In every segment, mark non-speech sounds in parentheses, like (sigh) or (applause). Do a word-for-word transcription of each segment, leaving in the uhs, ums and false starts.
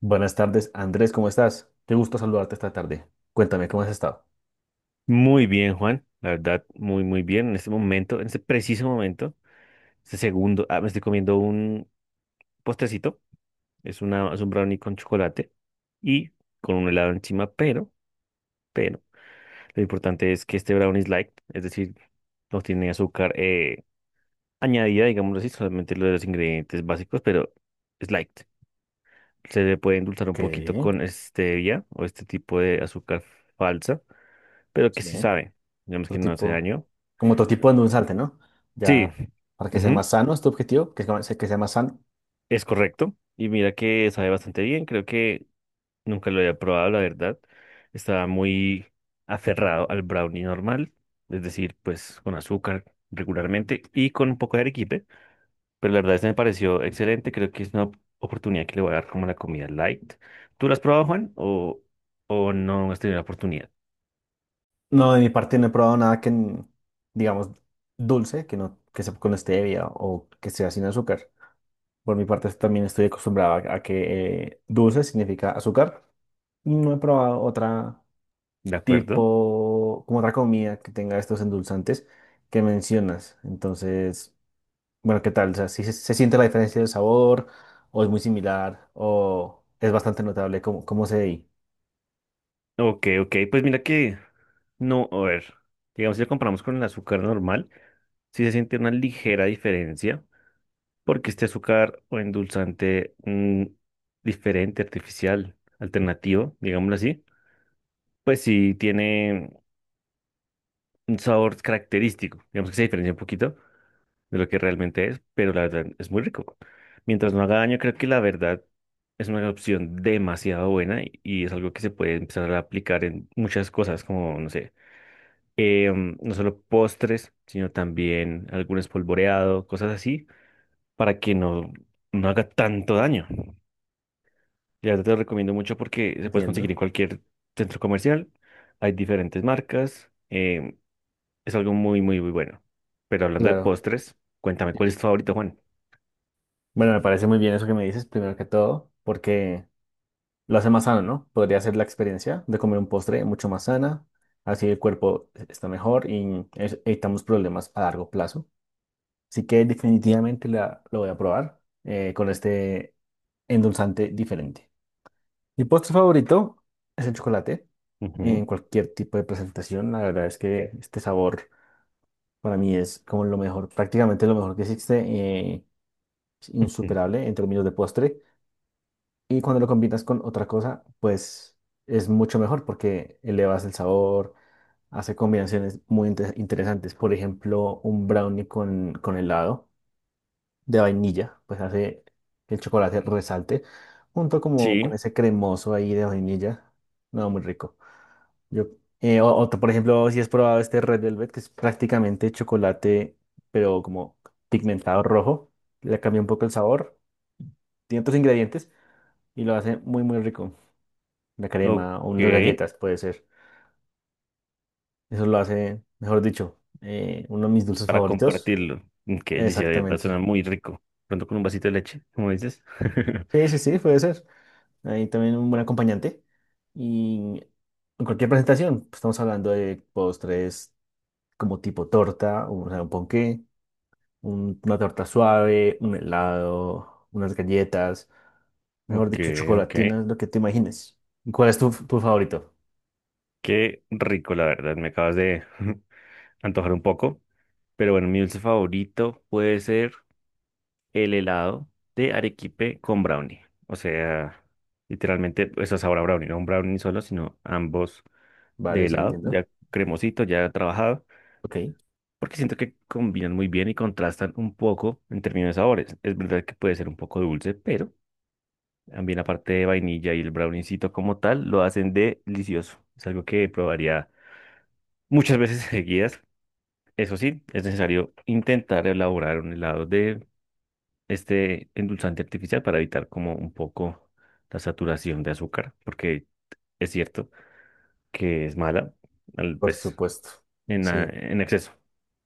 Buenas tardes, Andrés, ¿cómo estás? Qué gusto saludarte esta tarde. Cuéntame, ¿cómo has estado? Muy bien, Juan. La verdad, muy, muy bien. En este momento, en este preciso momento, este segundo, ah, me estoy comiendo un postrecito. Es una, es un brownie con chocolate y con un helado encima, pero, pero, lo importante es que este brownie es light, es decir, no tiene azúcar eh, añadida, digámoslo así, solamente lo de los ingredientes básicos, pero es light. Se le puede endulzar un poquito ¿Qué? con stevia o este tipo de azúcar falsa, pero que Sí. sí sabe. Digamos que Otro no hace tipo, daño. como otro tipo de un salte, ¿no? Sí. Ya, para que sea Ujú. más sano, ¿es tu objetivo? Que sea, que sea más sano. Es correcto. Y mira que sabe bastante bien. Creo que nunca lo había probado, la verdad. Estaba muy aferrado al brownie normal, es decir, pues con azúcar regularmente y con un poco de arequipe. Pero la verdad, este me pareció excelente. Creo que es una oportunidad que le voy a dar como la comida light. ¿Tú la has probado, Juan? ¿O, o no has tenido la oportunidad? No, de mi parte no he probado nada que, n- digamos, dulce, que no, que sea con stevia o que sea sin azúcar. Por mi parte también estoy acostumbrado a, a que eh, dulce significa azúcar. No he probado otra ¿De acuerdo? tipo, como otra comida que tenga estos endulzantes que mencionas. Entonces, bueno, ¿qué tal? O sea, si se, se siente la diferencia del sabor, o es muy similar, o es bastante notable cómo, cómo se ve ahí. Ok, ok. Pues mira que no, a ver. Digamos, si lo comparamos con el azúcar normal, sí se siente una ligera diferencia porque este azúcar o endulzante mm, diferente, artificial, alternativo, digámoslo así, pues sí tiene un sabor característico, digamos que se diferencia un poquito de lo que realmente es, pero la verdad es muy rico. Mientras no haga daño, creo que la verdad es una opción demasiado buena y, y es algo que se puede empezar a aplicar en muchas cosas, como, no sé, em, no solo postres, sino también algún espolvoreado, cosas así, para que no, no haga tanto daño. La verdad te lo recomiendo mucho porque se puede conseguir Entiendo. en cualquier centro comercial. Hay diferentes marcas. Em, es algo muy, muy, muy bueno. Pero hablando de Claro. postres, cuéntame cuál es tu favorito, Juan. Bueno, me parece muy bien eso que me dices, primero que todo, porque lo hace más sano, ¿no? Podría ser la experiencia de comer un postre mucho más sana, así el cuerpo está mejor y es- evitamos problemas a largo plazo. Así que definitivamente la, lo voy a probar eh, con este endulzante diferente. Mi postre favorito es el chocolate en Ujú. cualquier tipo de presentación. La verdad es que este sabor para mí es como lo mejor, prácticamente lo mejor que existe, eh, es Mm. insuperable en términos de postre. Y cuando lo combinas con otra cosa, pues es mucho mejor porque elevas el sabor, hace combinaciones muy inte- interesantes. Por ejemplo, un brownie con, con helado de vainilla, pues hace que el chocolate resalte, junto como Sí, con ese cremoso ahí de vainilla. No, muy rico. Yo, eh, o- otro, por ejemplo, si has probado este Red Velvet, que es prácticamente chocolate, pero como pigmentado rojo, le cambia un poco el sabor, tiene otros ingredientes y lo hace muy, muy rico. La ok. crema o unas galletas, puede ser. Eso lo hace, mejor dicho, eh, uno de mis dulces Para favoritos. compartirlo. Que dice, de verdad Exactamente. suena muy rico. Pronto con un vasito de leche, como dices. (laughs) Sí, sí, sí, puede ser. Ahí también un buen acompañante. Y en cualquier presentación, pues, estamos hablando de postres como tipo torta, o sea, un ponqué, un- una torta suave, un helado, unas galletas, mejor Ok, dicho, ok. chocolatinas, lo que te imagines. ¿Y cuál es tu, tu favorito? Qué rico, la verdad. Me acabas de (laughs) antojar un poco. Pero bueno, mi dulce favorito puede ser el helado de arequipe con brownie. O sea, literalmente, eso es ahora brownie, no un brownie solo, sino ambos de Vale, sí, helado, entiendo. ya cremosito, ya trabajado, Ok, porque siento que combinan muy bien y contrastan un poco en términos de sabores. Es verdad que puede ser un poco dulce, pero también la parte de vainilla y el browniecito como tal lo hacen delicioso. Es algo que probaría muchas veces (laughs) seguidas. Eso sí, es necesario intentar elaborar un helado de este endulzante artificial para evitar como un poco la saturación de azúcar, porque es cierto que es mala, al- por pues supuesto. en, ah, Sí, en exceso.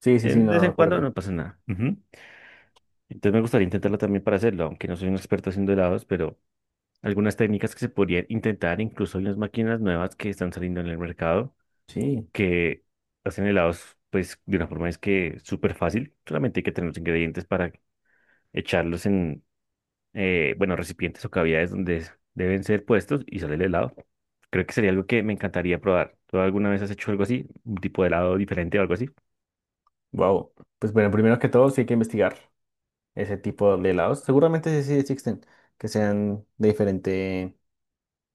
sí, sí, Eh, sí, De no, vez de en cuando acuerdo. no pasa nada. Ujú. Entonces me gustaría intentarlo también para hacerlo, aunque no soy un experto haciendo helados, pero algunas técnicas que se podrían intentar, incluso hay unas máquinas nuevas que están saliendo en el mercado Sí, que hacen helados, pues de una forma es que súper fácil, solamente hay que tener los ingredientes para echarlos eh, bueno, recipientes o cavidades donde deben ser puestos y sale el helado. Creo que sería algo que me encantaría probar. ¿Tú alguna vez has hecho algo así? ¿Un tipo de helado diferente o algo así? wow. Pues bueno, primero que todo, sí hay que investigar ese tipo de helados. Seguramente sí sí existen, que sean de diferente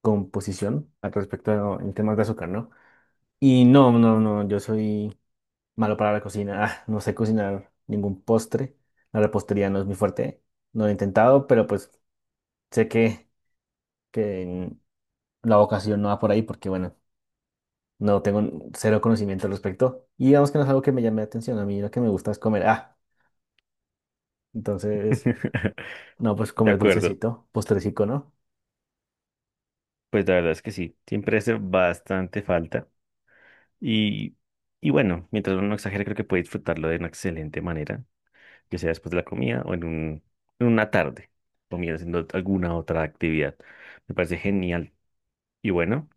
composición al respecto en temas de azúcar, ¿no? Y no, no, no, yo soy malo para la cocina. Ah, no sé cocinar ningún postre. La repostería no es mi fuerte. No lo he intentado, pero pues sé que, que la vocación no va por ahí porque, bueno, no tengo cero conocimiento al respecto. Y digamos que no es algo que me llame la atención. A mí lo que me gusta es comer. Ah, entonces, (laughs) no, pues De comer acuerdo. dulcecito, postrecico, ¿no? Pues la verdad es que sí. Siempre hace bastante falta. Y, y bueno, mientras uno no exagere, creo que puede disfrutarlo de una excelente manera, ya sea después de la comida o en un, en una tarde, comiendo haciendo alguna otra actividad. Me parece genial. Y bueno.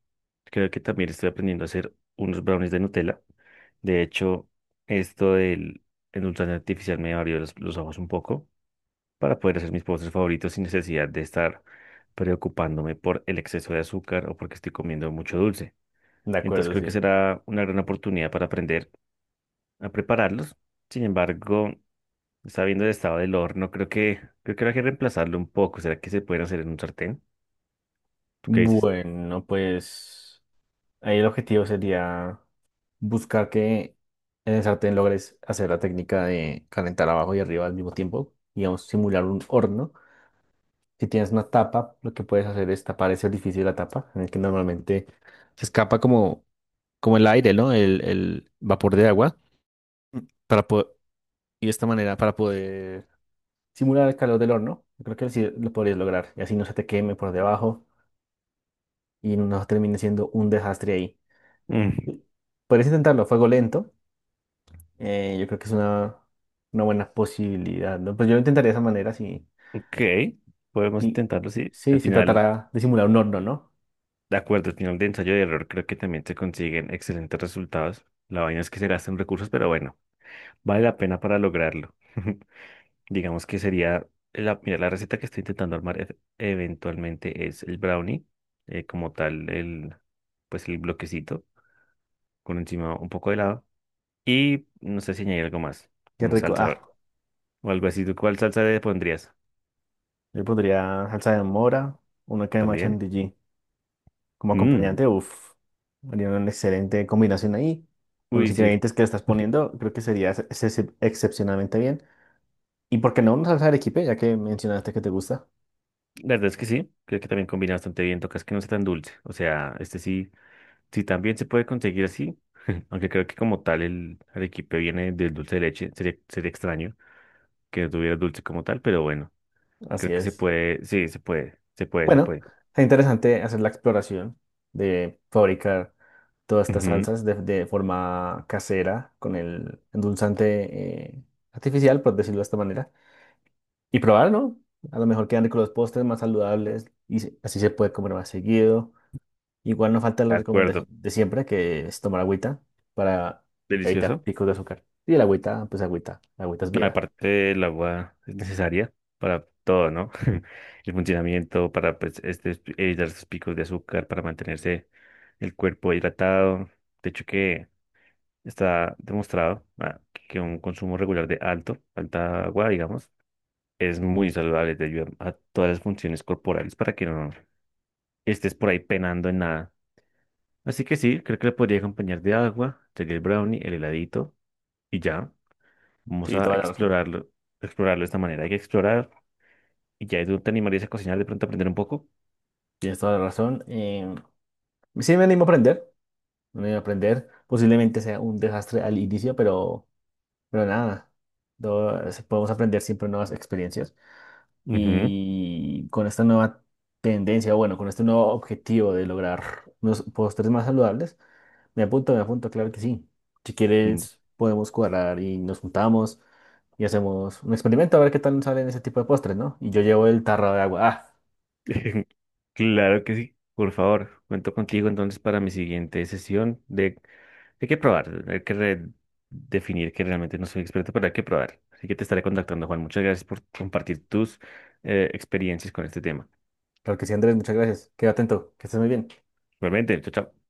Creo que también estoy aprendiendo a hacer unos brownies de Nutella. De hecho, esto del endulzante artificial me abrió los, los ojos un poco para poder hacer mis postres favoritos sin necesidad de estar preocupándome por el exceso de azúcar o porque estoy comiendo mucho dulce. De Entonces acuerdo, creo que sí. será una gran oportunidad para aprender a prepararlos. Sin embargo, sabiendo el estado del horno, creo que creo que habrá que reemplazarlo un poco. ¿Será que se pueden hacer en un sartén? ¿Tú qué dices? Bueno, pues, ahí el objetivo sería buscar que en el sartén logres hacer la técnica de calentar abajo y arriba al mismo tiempo, digamos, simular un horno. Si tienes una tapa, lo que puedes hacer es tapar ese orificio de la tapa, en el que normalmente se escapa como, como el aire, ¿no? El, el vapor de agua, para po- y de esta manera para poder simular el calor del horno. Yo creo que así lo podrías lograr, y así no se te queme por debajo y no termine siendo un desastre ahí. Mm, Puedes intentarlo a fuego lento. Eh, yo creo que es una, una buena posibilidad, ¿no? Pues yo lo intentaría de esa manera, sí. ok, podemos Sí, intentarlo, sí. sí, Al se final, tratará de simular un horno, ¿no? de acuerdo, al final de ensayo de error creo que también se consiguen excelentes resultados. La vaina es que se gastan recursos, pero bueno, vale la pena para lograrlo. (laughs) Digamos que sería, la, mira, la receta que estoy intentando armar e- eventualmente es el brownie, eh, como tal, el, pues el bloquecito, con encima un poco de helado. Y no sé si añadir algo más, Qué una rico. Ah, salsa o algo así. ¿Tú cuál salsa le pondrías? yo podría salsa de mora, una crema ¿También? chantilly como Mm, acompañante, uf. Haría una excelente combinación ahí. Con los uy, sí. ingredientes que le estás (laughs) poniendo, creo que sería ex- ex- excepcionalmente bien. Y por qué no una salsa de arequipe, ya que mencionaste que te gusta. La verdad es que sí, creo que también combina bastante bien, tocas que no sea tan dulce, o sea, este sí. Sí, también se puede conseguir así, (laughs) aunque creo que como tal el arequipe viene del dulce de leche, sería, sería extraño que no tuviera dulce como tal, pero bueno, Así creo que se es. puede, sí, se puede, se puede, se Bueno, puede. es interesante hacer la exploración de fabricar todas estas Ujú, salsas de, de forma casera con el endulzante eh, artificial, por decirlo de esta manera, y probar, ¿no? A lo mejor quedan ricos los postres más saludables y se- así se puede comer más seguido. Igual no falta de la recomendación acuerdo, de siempre, que es tomar agüita para evitar delicioso. picos de azúcar. Y el agüita, pues agüita, la agüita es No, vida. aparte, el agua es necesaria para todo, ¿no? (laughs) El funcionamiento para pues, este, evitar sus picos de azúcar, para mantenerse el cuerpo hidratado. De hecho, que está demostrado ah, que un consumo regular de alto, alta agua, digamos, es muy saludable, te ayuda a todas las funciones corporales para que no estés por ahí penando en nada. Así que sí, creo que le podría acompañar de agua, sería el brownie, el heladito y ya. Vamos Sí, a toda la razón. explorarlo, explorarlo de esta manera. Hay que explorar y ya tú te animarías a cocinar de pronto aprender un poco. Tienes toda la razón. Em, sí, me animo a aprender. Me animo a aprender. Posiblemente sea un desastre al inicio, pero Pero nada, todo- podemos aprender siempre nuevas experiencias Ujú. y con esta nueva tendencia, bueno, con este nuevo objetivo de lograr unos postres más saludables, me apunto, me apunto, claro que sí. Si Mm. quieres, podemos cuadrar y nos juntamos y hacemos un experimento a ver qué tal salen ese tipo de postres, ¿no? Y yo llevo el tarro de agua. Ah, (laughs) Claro que sí. Por favor, cuento contigo entonces para mi siguiente sesión de. Hay que probar, hay que re- definir que realmente no soy experto, pero hay que probar. Así que te estaré contactando, Juan. Muchas gracias por compartir tus eh, experiencias con este tema. claro que sí, Andrés, muchas gracias. Queda atento, que estés muy bien. Igualmente, chao, chao.